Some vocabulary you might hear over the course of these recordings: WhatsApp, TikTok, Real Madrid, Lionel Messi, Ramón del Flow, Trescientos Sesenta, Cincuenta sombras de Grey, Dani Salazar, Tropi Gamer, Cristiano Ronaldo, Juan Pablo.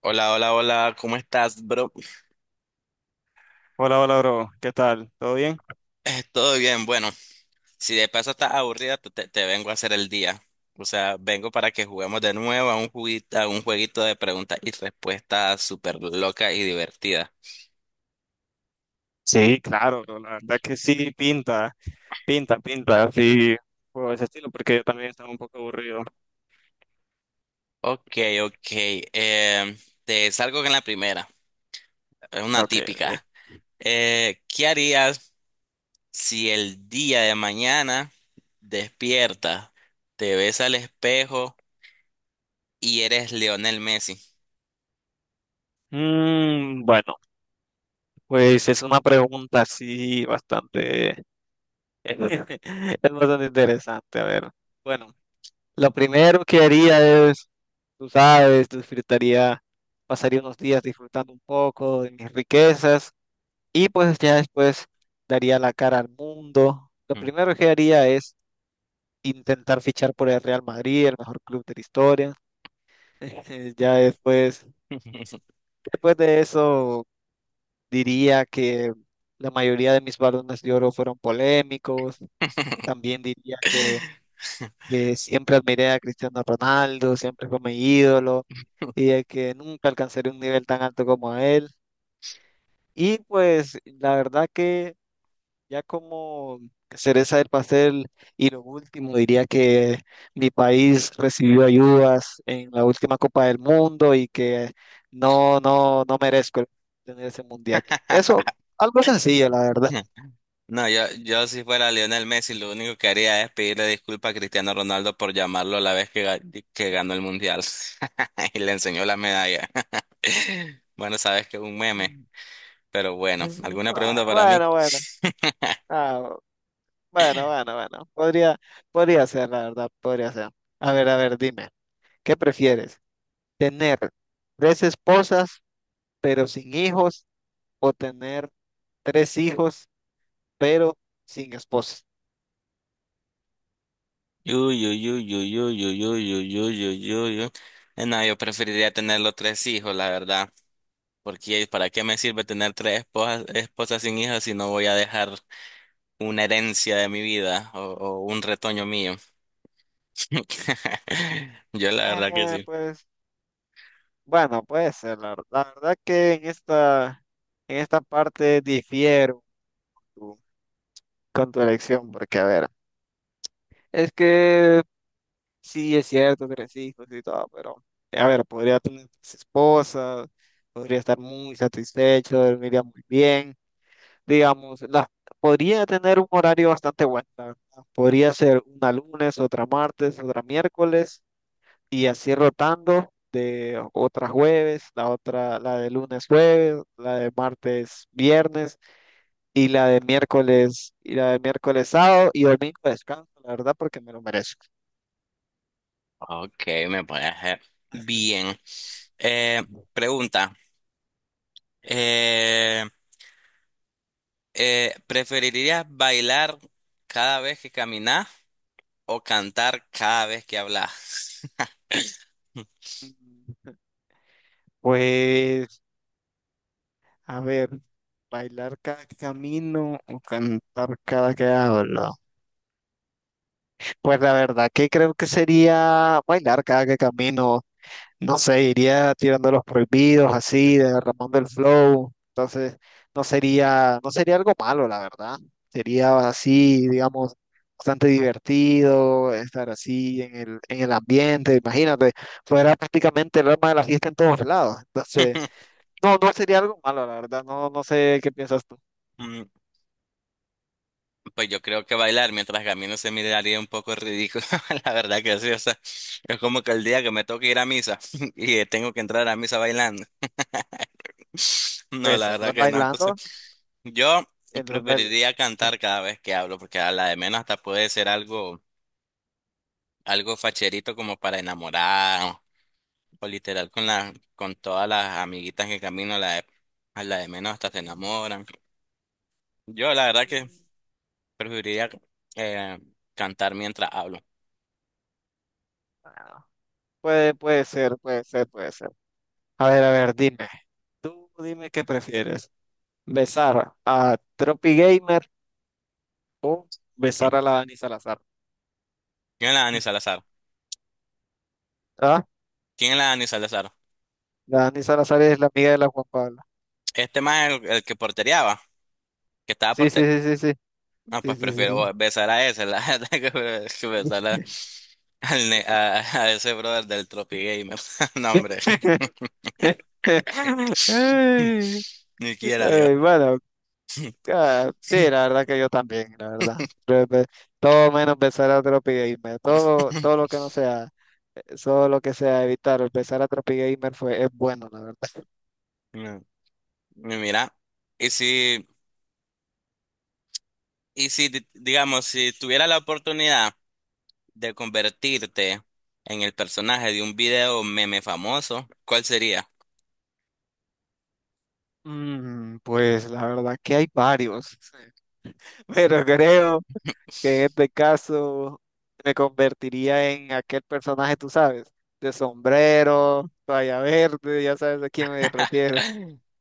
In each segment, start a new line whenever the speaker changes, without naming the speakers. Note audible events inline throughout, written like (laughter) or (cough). Hola, hola, hola, ¿cómo estás, bro?
Hola, hola, bro. ¿Qué tal? ¿Todo bien?
Todo bien, bueno, si de paso estás aburrida, te vengo a hacer el día. O sea, vengo para que juguemos de nuevo a un jueguito de preguntas y respuestas súper loca y divertida.
Sí, claro, bro, la verdad que sí, pinta, pinta, pinta, así, por ese estilo, porque yo también estaba un poco aburrido.
Ok, ok, eh, te salgo con la primera, es una
Ok, ok.
típica. ¿Qué harías si el día de mañana despiertas, te ves al espejo y eres Lionel Messi?
Bueno, pues es una pregunta así bastante, (laughs) es bastante interesante. A ver, bueno, lo primero que haría es, tú sabes, disfrutaría, pasaría unos días disfrutando un poco de mis riquezas. Y pues ya después daría la cara al mundo. Lo
Mm.
primero que haría es intentar fichar por el Real Madrid, el mejor club de la historia. (laughs) Ya después, después de eso, diría que la mayoría de mis balones de oro fueron polémicos. También diría que siempre admiré a Cristiano Ronaldo, siempre fue mi ídolo y de que nunca alcanzaré un nivel tan alto como él. Y pues la verdad que ya como cereza del pastel y lo último, diría que mi país recibió ayudas en la última Copa del Mundo y que no, no, no merezco tener ese mundial. Eso, algo sencillo, la verdad.
(laughs) No, yo si fuera Lionel Messi, lo único que haría es pedirle disculpas a Cristiano Ronaldo por llamarlo la vez que, que ganó el Mundial (laughs) y le enseñó la medalla. (laughs) Bueno, sabes que es un meme,
(laughs)
pero bueno,
Bueno,
¿alguna pregunta para mí?
bueno, bueno, ah, bueno, bueno, bueno. Podría, podría ser, la verdad, podría ser. A ver, dime, ¿qué prefieres? ¿Tener tres esposas pero sin hijos o tener tres hijos pero sin esposa?
Uy, uy, uy, uy, uy, uy, uy, uy, uy, uy, uy, uy. No, yo preferiría tener los tres hijos, la verdad, porque ¿para qué me sirve tener tres esposas, esposas sin hijos si no voy a dejar una herencia de mi vida o un retoño mío? (laughs) Yo la verdad que sí.
Pues bueno, puede ser, la verdad que en esta parte difiero tu- con tu elección, porque a ver, es que sí es cierto, tres hijos y todo, pero a ver, podría tener tres esposas, podría estar muy satisfecho, dormiría muy bien, digamos, la, podría tener un horario bastante bueno, la verdad. Podría ser una lunes, otra martes, otra miércoles, y así rotando de otra jueves, la otra, la de lunes jueves, la de martes viernes y la de miércoles sábado y domingo descanso, la verdad, porque me lo merezco.
Ok, me parece bien. Eh, pregunta. Eh, ¿Preferirías bailar cada vez que caminas o cantar cada vez que hablas?
Mm, Pues, a ver, bailar cada camino o cantar cada que hablo. Pues la verdad que creo que sería bailar cada que camino. No sé, iría tirando los prohibidos así, de Ramón del Flow. Entonces, no sería algo malo, la verdad. Sería así, digamos, bastante divertido estar así en el ambiente. Imagínate, fuera prácticamente el alma de la fiesta en todos lados. Entonces,
(laughs)
no sería algo malo, la verdad. No sé qué piensas tú.
Pues yo creo que bailar mientras camino se miraría un poco ridículo, (laughs) la verdad que sí, o sea, es como que el día que me toque ir a misa (laughs) y tengo que entrar a misa bailando. (laughs) No,
Pues
la verdad
entras
que no, entonces
bailando,
yo
entras bail-
preferiría
sí.
cantar cada vez que hablo, porque a la de menos hasta puede ser algo, algo facherito como para enamorar, o literal con todas las amiguitas que camino, a la de menos hasta se enamoran. Yo la verdad que
Mm,
preferiría eh, cantar mientras hablo.
ah, Puede, puede ser, puede ser, puede ser. A ver, dime. Tú dime qué prefieres. ¿Besar a Tropi Gamer o besar a la Dani Salazar?
Yo la Dani
(laughs)
Salazar.
¿Ah?
¿Quién es la Dani Salazar?
La Dani Salazar es la amiga de la Juan Pablo.
Este más el que portereaba, que estaba
Sí, sí,
porter.
sí, sí, sí.
Ah,
Sí,
pues
sí, sí,
prefiero
sí.
besar a ese, la (laughs) verdad, que besar a, al ne- a ese brother del Tropi Gamer. (laughs) No, hombre.
(laughs) Ay,
Ni quiera yo.
ay, bueno, ah, sí, la
(laughs)
verdad que yo también, la verdad. Pero, pe- Todo menos besar a Tropi Gamer. Todo, todo lo que no sea, todo lo que sea evitar besar a Tropi Gamer es bueno, la verdad.
No. Y mira, y si, digamos, si tuviera la oportunidad de convertirte en el personaje de un video meme famoso, ¿cuál sería?
Pues la verdad que hay varios, (laughs) pero creo que en este caso me convertiría en aquel personaje, tú sabes, de sombrero, toalla verde, ya sabes a quién me refiero.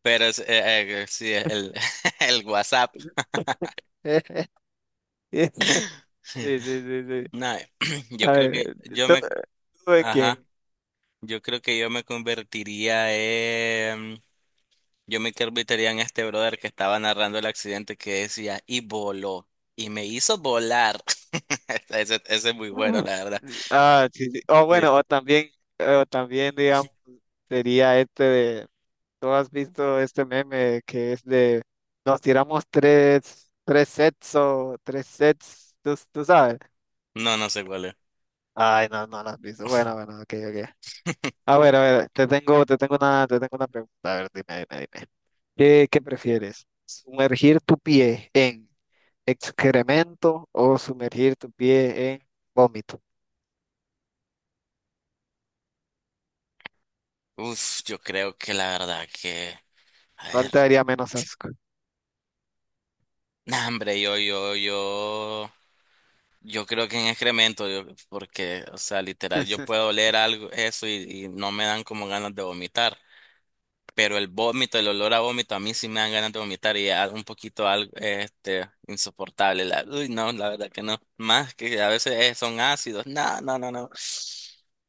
Pero es, sí, el, (laughs) el WhatsApp.
(laughs) Sí, sí, sí, sí.
Nah, (clears throat) yo
A
creo que
ver,
yo
¿tú,
me,
¿tú en
ajá,
quién?
yo creo que yo me convertiría en este brother que estaba narrando el accidente que decía, y voló, y me hizo volar. (laughs) Ese es muy bueno,
Mm.
la verdad.
Ah, sí, sí.
Sí.
O también, digamos, sería este de, ¿tú has visto este meme que es de, nos tiramos tres, tres sets o tres sets, tú sabes?
No, no sé cuál es.
Ay, no, no lo has visto. Bueno, bueno, ok, ok. A ver, te tengo una pregunta. A ver, dime, dime, dime. ¿Qué prefieres? ¿Sumergir tu pie en excremento o sumergir tu pie en vómito?
Uf, yo creo que la verdad que, a
¿Cuál
ver,
te daría menos asco?
nah, hombre, yo creo que en excremento, yo- porque, o sea, literal, yo puedo
(laughs)
oler algo, eso, y no me dan como ganas de vomitar. Pero el vómito, el olor a vómito, a mí sí me dan ganas de vomitar y es un poquito algo, este, insoportable. La, uy, no, la verdad que no. Más que a veces son ácidos. No, no, no, no.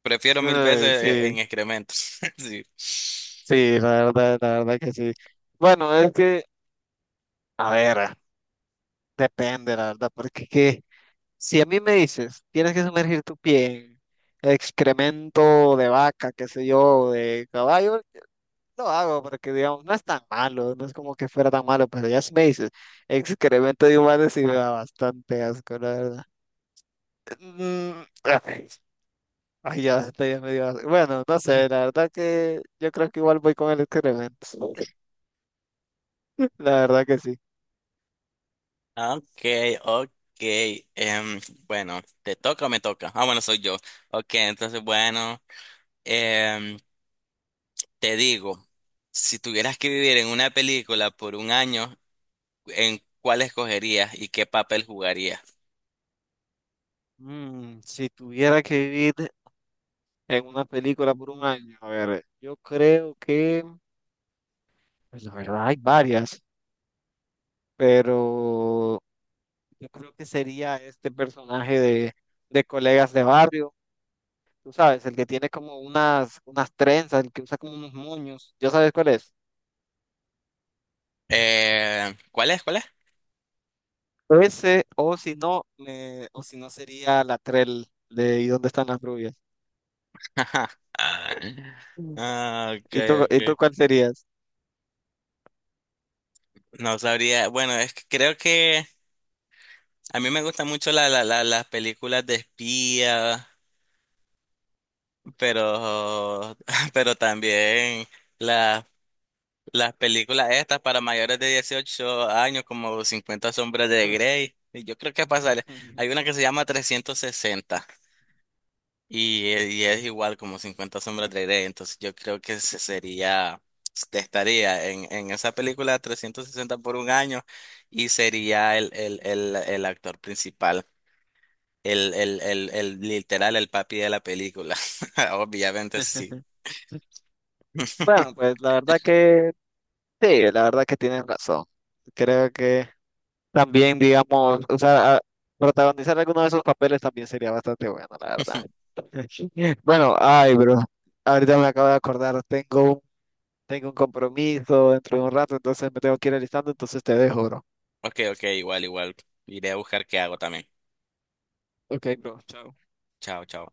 Prefiero mil veces
Ay, sí,
en excrementos. (laughs) Sí.
sí, la verdad que sí. Bueno, es que, a ver, ah, depende, la verdad, porque si a mí me dices, tienes que sumergir tu pie en excremento de vaca, qué sé yo, de caballo, lo hago porque, digamos, no es tan malo, no es como que fuera tan malo, pero ya si me dices, excremento de humanos sí me da bastante asco, la verdad. Mm, ay, ay, ya, hasta ya me dio asco. Bueno, no sé, la verdad que yo creo que igual voy con el excremento. (laughs) La verdad que sí.
Ok, ok. Em, bueno, ¿te toca o me toca? Ah, bueno, soy yo. Ok, entonces, bueno, em, te digo, si tuvieras que vivir en una película por un año, ¿en cuál escogerías y qué papel jugarías?
Mm, si tuviera que vivir en una película por un año, a ver, yo creo que, pues la verdad hay varias, pero yo creo que sería este personaje de Colegas de Barrio, tú sabes, el que tiene como unas, unas trenzas, el que usa como unos moños, ¿ya sabes cuál es?
¿Cuál es? ¿Cuál es?
Ese, o si no, o si no sería la Trell de ¿Y dónde están las rubias?
(laughs)
Mm.
Ah, okay,
Y tú
okay.
cuál serías?
No sabría. Bueno, es que creo que a mí me gustan mucho las películas de espía, pero, (laughs) pero también las las películas estas para mayores de 18 años, como Cincuenta sombras de
(laughs)
Grey. Y yo creo que pasaría. Hay una que se llama 360. Y es igual como cincuenta sombras de Grey, entonces yo creo que se sería, este, estaría en esa película 360 por un año y sería el actor principal, el literal, el papi de la película. (laughs) Obviamente sí.
Bueno,
(laughs)
pues la verdad que sí, la verdad que tienes razón. Creo que también, digamos, protagonizar alguno de esos papeles también sería bastante bueno, la verdad. (laughs) Bueno, ay, bro, ahorita me acabo de acordar, tengo un compromiso dentro de un rato, entonces me tengo que ir alistando, entonces te dejo, bro.
Ok, ok, igual, igual. Iré a buscar qué hago también.
Ok, bro. Chao.
Chao, chao.